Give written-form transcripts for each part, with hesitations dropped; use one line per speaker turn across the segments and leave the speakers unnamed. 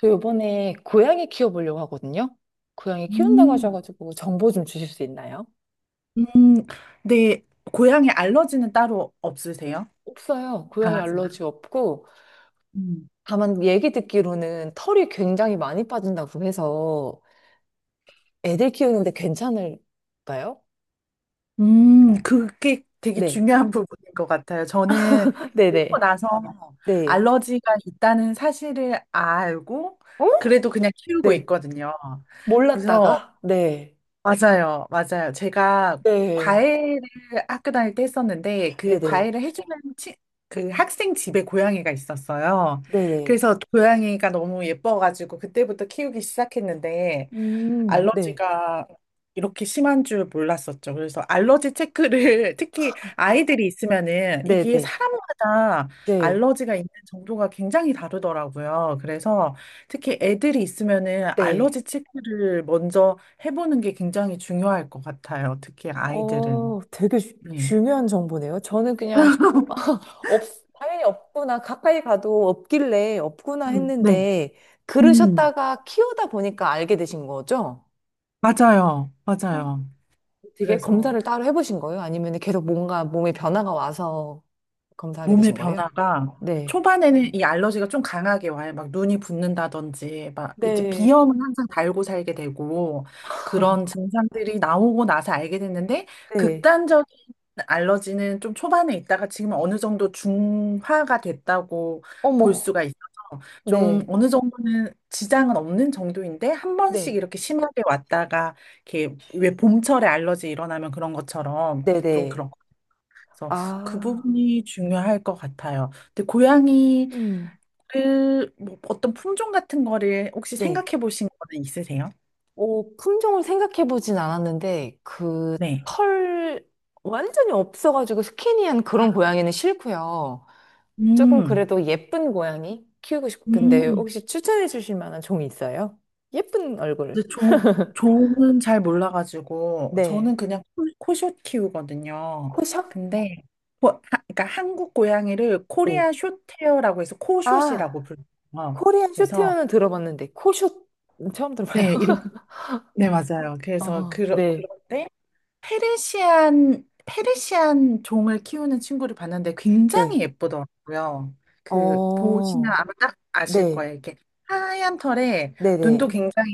저 요번에 고양이 키워보려고 하거든요. 고양이 키운다고
음,
하셔가지고 정보 좀 주실 수 있나요?
음, 네, 고양이 알러지는 따로 없으세요?
없어요. 고양이
강아지나?
알러지 없고,
음,
다만 얘기 듣기로는 털이 굉장히 많이 빠진다고 해서 애들 키우는데 괜찮을까요?
그게 되게
네.
중요한 부분인 것 같아요. 저는 키우고
네네.
나서
네.
알러지가 있다는 사실을 알고,
어?
그래도 그냥 키우고
네.
있거든요. 그래서
몰랐다가? 네.
맞아요, 맞아요. 제가
네.
과외를 학교 다닐 때 했었는데 그
네네.
과외를 해주는 치, 그 학생 집에 고양이가 있었어요.
네네.
그래서 고양이가 너무 예뻐가지고 그때부터 키우기 시작했는데
네.
알러지가 이렇게 심한 줄 몰랐었죠. 그래서 알러지 체크를 특히 아이들이 있으면은 이게
네네.
사람마다
네.
알러지가 있는 정도가 굉장히 다르더라고요. 그래서 특히 애들이 있으면은
네.
알러지 체크를 먼저 해보는 게 굉장히 중요할 것 같아요. 특히 아이들은.
어, 되게
네.
중요한 정보네요. 저는 그냥 없, 당연히 없구나. 가까이 가도 없길래 없구나
네.
했는데,
음,
그러셨다가 키우다 보니까 알게 되신 거죠?
맞아요.
어,
맞아요.
되게
그래서.
검사를 따로 해보신 거예요? 아니면 계속 뭔가 몸에 변화가 와서 검사하게
몸의
되신 거예요?
변화가
네.
초반에는 이 알러지가 좀 강하게 와요. 막 눈이 붓는다든지, 막 이제
네.
비염은 항상 달고 살게 되고 그런 증상들이 나오고 나서 알게 됐는데
네.
극단적인 알러지는 좀 초반에 있다가 지금 어느 정도 중화가 됐다고 볼
어머.
수가 있어서 좀
네.
어느 정도는 지장은 없는 정도인데 한 번씩
네.
이렇게 심하게 왔다가 이렇게 왜 봄철에 알러지 일어나면 그런 것처럼 좀
네네.
그런 그래서 그
아,
부분이 중요할 것 같아요. 근데 고양이를
음.
뭐 어떤 품종 같은 거를 혹시
네.
생각해 보신 거는 있으세요?
어, 품종을 생각해보진 않았는데, 그,
네.
털, 완전히 없어가지고 스키니한 그런 고양이는 싫고요. 조금
음.
그래도 예쁜 고양이 키우고 싶은데
음.
혹시 추천해 주실 만한 종이 있어요? 예쁜 얼굴.
근데 종은 잘 몰라가지고 저는
네.
그냥 코숏 키우거든요.
코숏?
근데 고- 하- 그러니까 한국 고양이를
네.
코리아 숏헤어라고 해서
아,
코숏이라고 불러요.
코리안
그래서
쇼테어는 들어봤는데 코숏 처음 들어봐요.
네, 이렇게 네, 맞아요. 그래서
어, 네.
그런데 페르시안 종을 키우는 친구를 봤는데 굉장히
네.
예쁘더라고요. 그, 보시면
어,
아마 딱 아실
네.
거예요. 이렇게 하얀 털에 눈도
네네.
굉장히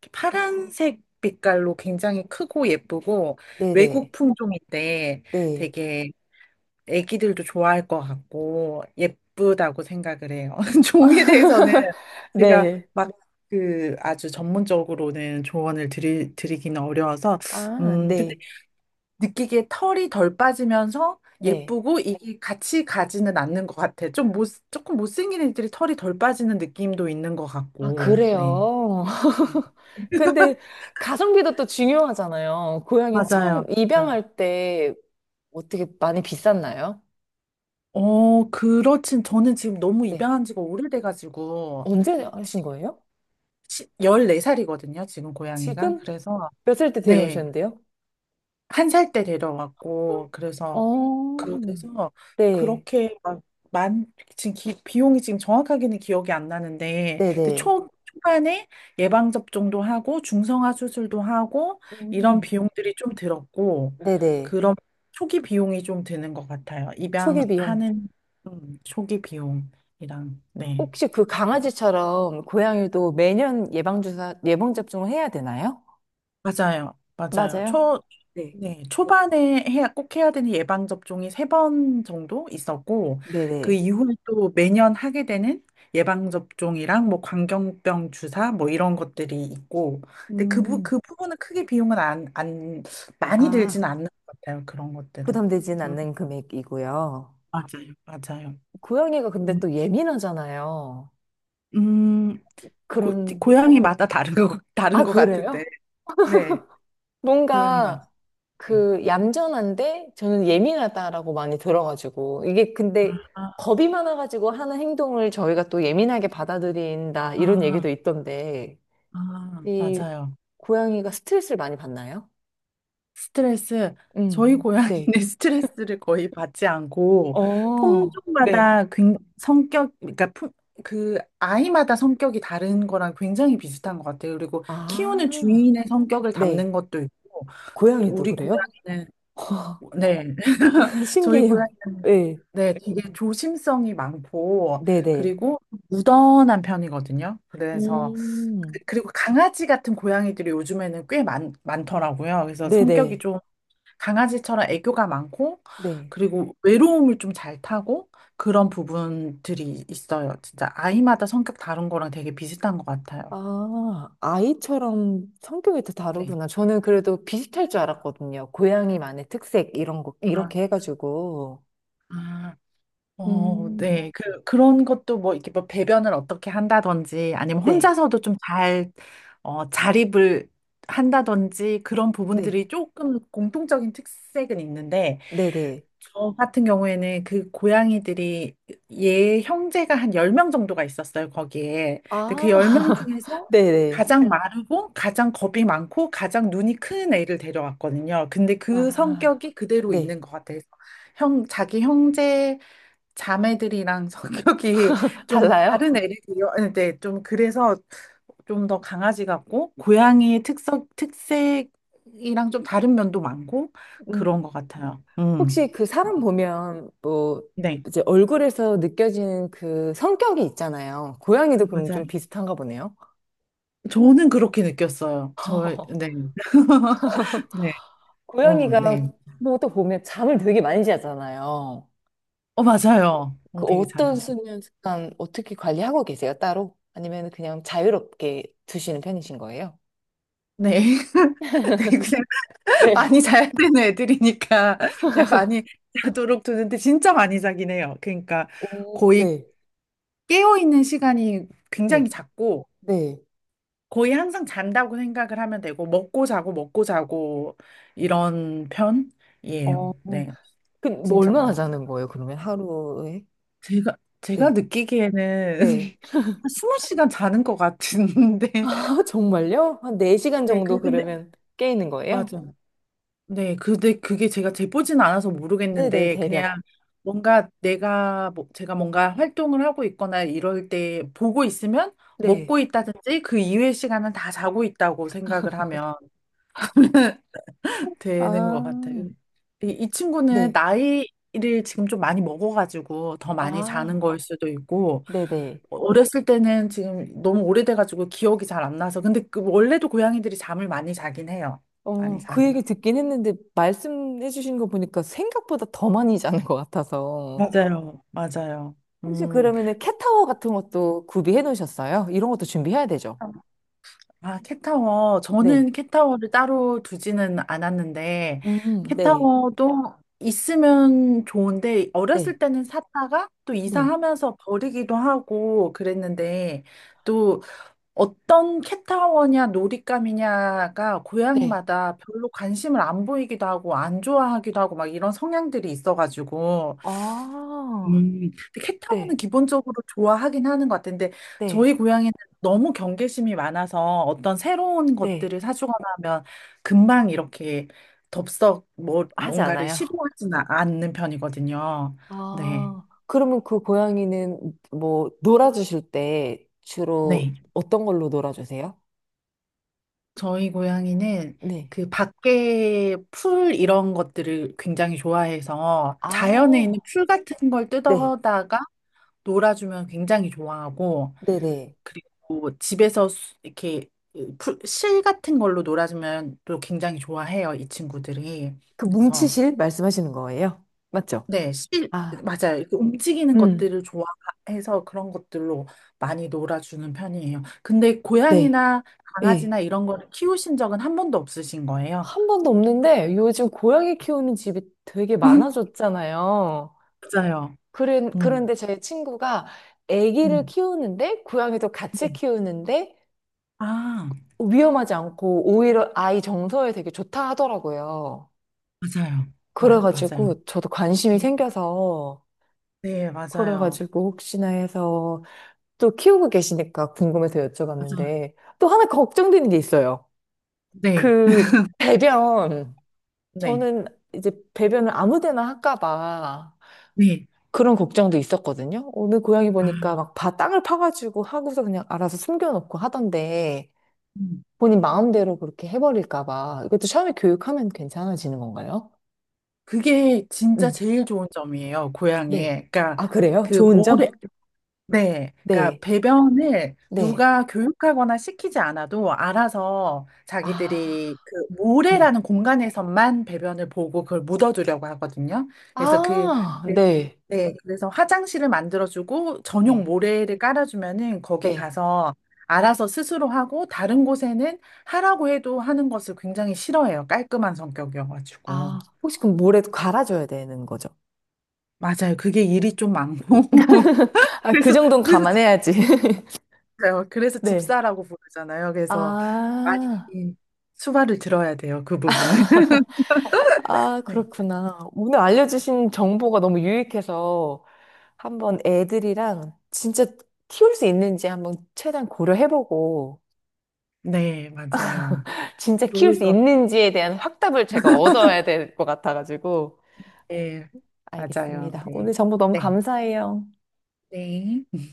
이렇게 파란색 빛깔로 굉장히 크고 예쁘고 외국
네네.
품종인데
네.
되게 애기들도 좋아할 것 같고 예쁘다고 생각을 해요. 종에 대해서는 제가
네.
막 그 아주 전문적으로는 조언을 드리기는 어려워서
아,
근데
네.
느끼기에 털이 덜 빠지면서
네.
예쁘고 이게 같이 가지는 않는 것 같아. 좀 못, 조금 못생긴 애들이 털이 덜 빠지는 느낌도 있는 것
아,
같고, 네.
그래요. 근데 가성비도 또 중요하잖아요. 고양이
맞아요.
처음
맞아.
입양할 때 어떻게 많이 비쌌나요?
어, 그렇진. 저는 지금 너무
네.
입양한 지가 오래돼가지고,
언제
지-
하신 거예요?
14살이거든요, 지금 고양이가.
지금
그래서,
몇 살 때
네.
데려오셨는데요?
한 살 때 데려왔고 그래서
어,
그래서
네.
그렇게 막 만 지금 비용이 지금 정확하게는 기억이 안 나는데 근데
네네.
초 초반에 예방 접종도 하고 중성화 수술도 하고 이런
음.
비용들이 좀 들었고
네네.
그런 초기 비용이 좀 드는 것 같아요
초기 비용.
입양하는 초기 비용이랑 네.
혹시 그 강아지처럼 고양이도 매년 예방주사, 예방접종을 해야 되나요?
맞아요. 맞아요.
맞아요. 네.
네, 초반에 해야, 꼭 해야 되는 예방접종이 세 번 정도 있었고, 그
네네.
이후에 또 매년 하게 되는 예방접종이랑 뭐 광견병 주사 뭐 이런 것들이 있고, 근데
음.
그 부분은 크게 비용은 안, 안, 많이
아,
들지는 않는 것 같아요. 그런 것들은.
부담되진
음,
않는 금액이고요.
맞아요. 맞아요.
고양이가 근데
음,
또 예민하잖아요.
음, 고,
그런,
고양이마다 다른
아,
것 같은데,
그래요?
네, 고양이마다.
뭔가
네.
그 얌전한데 저는 예민하다라고 많이 들어가지고 이게 근데
아,
겁이 많아가지고 하는 행동을 저희가 또 예민하게 받아들인다 이런 얘기도
아.
있던데
아,
이
맞아요.
고양이가 스트레스를 많이 받나요?
스트레스, 저희
네.
고양이는 스트레스를 거의 받지 않고,
어, 네.
품종마다 성격, 그러니까 그 아이마다 성격이 다른 거랑 굉장히 비슷한 것 같아요. 그리고 키우는
아,
주인의 성격을
네.
담는 것도 있고,
고양이도
우리
그래요?
고양이는, 네, 저희
신기해요.
고양이는,
네,
네, 되게 조심성이 많고,
네네.
그리고 무던한 편이거든요. 그래서
음,
그리고 강아지 같은 고양이들이 요즘에는 꽤 많더라고요. 그래서 성격이
네네.
좀 강아지처럼 애교가 많고,
네.
그리고 외로움을 좀 잘 타고 그런 부분들이 있어요. 진짜 아이마다 성격 다른 거랑 되게 비슷한 것 같아요.
아, 아이처럼 성격이 다
네.
다르구나. 저는 그래도 비슷할 줄 알았거든요. 고양이만의 특색, 이런 거,
아,
이렇게 해가지고.
아, 어,
음,
네. 그런 것도 뭐 이렇게 뭐 배변을 어떻게 한다든지 아니면
네,
혼자서도 좀 잘, 자립을 한다든지 그런
네,
부분들이 조금 공통적인 특색은 있는데,
네네.
저 같은 경우에는 그 고양이들이 얘 형제가 한 10명 정도가 있었어요, 거기에. 근데 그
아,
10명 중에서
네네.
가장 네. 마르고 가장 겁이 많고 가장 눈이 큰 애를 데려왔거든요. 근데 그
아,
성격이 그대로
네.
있는 것 같아서 자기 형제 자매들이랑 성격이 좀
달라요?
다른 애를 데려왔는데 좀 그래서 좀 더 강아지 같고 고양이의 특성, 특색이랑 좀 다른 면도 많고
음,
그런 것 같아요.
혹시
음.
그 사람 보면 뭐
네.
이제 얼굴에서 느껴지는 그 성격이 있잖아요. 고양이도 그럼
맞아요.
좀 비슷한가 보네요.
저는 그렇게 느꼈어요. 네. 네. 어,
고양이가
네.
뭐또 보면 잠을 되게 많이 자잖아요.
어, 맞아요. 어,
그
되게
어떤
잘하시네.
수면 습관 어떻게 관리하고 계세요, 따로? 아니면 그냥 자유롭게 두시는 편이신 거예요?
네. 네, 그냥 많이
네.
자야 되는 애들이니까 그냥 많이 자도록 두는데 진짜 많이 자긴 해요. 그러니까
오,
거의
네,
깨어있는 시간이
네,
굉장히 작고
네.
거의 항상 잔다고 생각을 하면 되고 먹고 자고 먹고 자고 이런
어,
편이에요. 네.
그럼 뭐
진짜
얼마나
많아요.
자는 거예요, 그러면 하루에?
제가
네,
느끼기에는
네.
한 20시간 자는 것 같은데.
아, 정말요? 한 4시간
네,
정도
근데,
그러면 깨 있는 거예요?
맞아. 네, 근데 그게 제가 재보진 않아서
네네,
모르겠는데,
대략.
그냥 뭔가 제가 뭔가 활동을 하고 있거나 이럴 때 보고 있으면
네.
먹고 있다든지 그 이외의 시간은 다 자고 있다고 생각을 하면 되는
아,
것 같아요. 이 친구는
네.
나이를 지금 좀 많이 먹어가지고 더 많이 자는
아,
걸 수도 있고,
네네.
어렸을 때는 지금 너무 오래돼가지고 기억이 잘 안 나서. 근데 그 원래도 고양이들이 잠을 많이 자긴 해요. 많이
어, 그
자긴.
얘기 듣긴 했는데, 말씀해 주신 거 보니까 생각보다 더 많이 자는 것 같아서.
맞아요, 맞아요.
혹시
음,
그러면은 캣타워 같은 것도 구비해 놓으셨어요? 이런 것도 준비해야 되죠?
아, 캣타워.
네.
저는 캣타워를 따로 두지는 않았는데,
네.
캣타워도 있으면 좋은데,
네.
어렸을 때는 샀다가 또
네.
이사하면서 버리기도 하고 그랬는데, 또 어떤 캣타워냐 놀잇감이냐가
네.
고양이마다 별로 관심을 안 보이기도 하고 안 좋아하기도 하고 막 이런 성향들이 있어가지고
아,
근데 캣타워는
네.
기본적으로 좋아하긴 하는 것 같은데
네.
저희 고양이는 너무 경계심이 많아서 어떤 새로운
네.
것들을 사주거나 하면 금방 이렇게 덥석
하지
뭔가를
않아요.
시도하지는 않는 편이거든요. 네.
아, 그러면 그 고양이는 뭐 놀아주실 때
네.
주로 어떤 걸로 놀아주세요?
저희 고양이는
네.
그 밖에 풀 이런 것들을 굉장히 좋아해서 자연에 있는
아,
풀 같은 걸
네.
뜯어다가 놀아주면 굉장히 좋아하고
네네.
그리고 집에서 이렇게 실 같은 걸로 놀아주면 또 굉장히 좋아해요, 이 친구들이.
그
그래서
뭉치실 말씀하시는 거예요? 맞죠?
네, 실
아,
맞아요. 이렇게 움직이는
음,
것들을 좋아해서 그런 것들로 많이 놀아주는 편이에요. 근데
네.
고양이나
예.
강아지나 이런 거를 키우신 적은 한 번도 없으신 거예요?
한 번도 없는데 요즘 고양이 키우는 집이 되게 많아졌잖아요.
맞아요.
그래,
음.
그런데 제 친구가 아기를
음.
키우는데 고양이도 같이
네.
키우는데
아,
위험하지 않고 오히려 아이 정서에 되게 좋다 하더라고요.
맞아요. 맞아요.
그래가지고 저도 관심이
네,
생겨서
네, 맞아요.
그래가지고 혹시나 해서 또 키우고 계시니까 궁금해서
맞아요.
여쭤봤는데 또 하나 걱정되는 게 있어요.
네,
그 배변
네,
저는 이제 배변을 아무 데나 할까 봐
네.
그런 걱정도 있었거든요. 오늘 고양이 보니까
아,
막 바 땅을 파가지고 하고서 그냥 알아서 숨겨놓고 하던데
음.
본인 마음대로 그렇게 해버릴까 봐. 이것도 처음에 교육하면 괜찮아지는 건가요?
그게 진짜
음,
제일 좋은 점이에요,
네.
고양이에. 그러니까
아, 그래요?
그
좋은
모래,
점?
네. 그러니까
네,
배변을
네.
누가 교육하거나 시키지 않아도 알아서
아,
자기들이 그
네.
모래라는 공간에서만 배변을 보고 그걸 묻어두려고 하거든요. 그래서
아,
네.
네.
네, 그래서 화장실을 만들어주고 전용
네,
모래를 깔아주면은 거기
네.
가서 알아서 스스로 하고 다른 곳에는 하라고 해도 하는 것을 굉장히 싫어해요. 깔끔한 성격이어가지고.
아, 혹시 그럼 모래 갈아줘야 되는 거죠?
맞아요. 그게 일이 좀 많고.
아, 그 정도는
그래서
감안해야지.
맞아요. 그래서
네.
집사라고 부르잖아요. 그래서 많이
아,
수발을 들어야 돼요. 그 부분은.
아,
네.
그렇구나. 오늘 알려주신 정보가 너무 유익해서 한번 애들이랑 진짜 키울 수 있는지 한번 최대한 고려해보고
네, 맞아요.
진짜 키울
좋을
수
것 같아요.
있는지에 대한 확답을 제가 얻어야 될 것 같아가지고.
네, 맞아요.
알겠습니다.
네.
오늘 정보 너무
네.
감사해요.
네.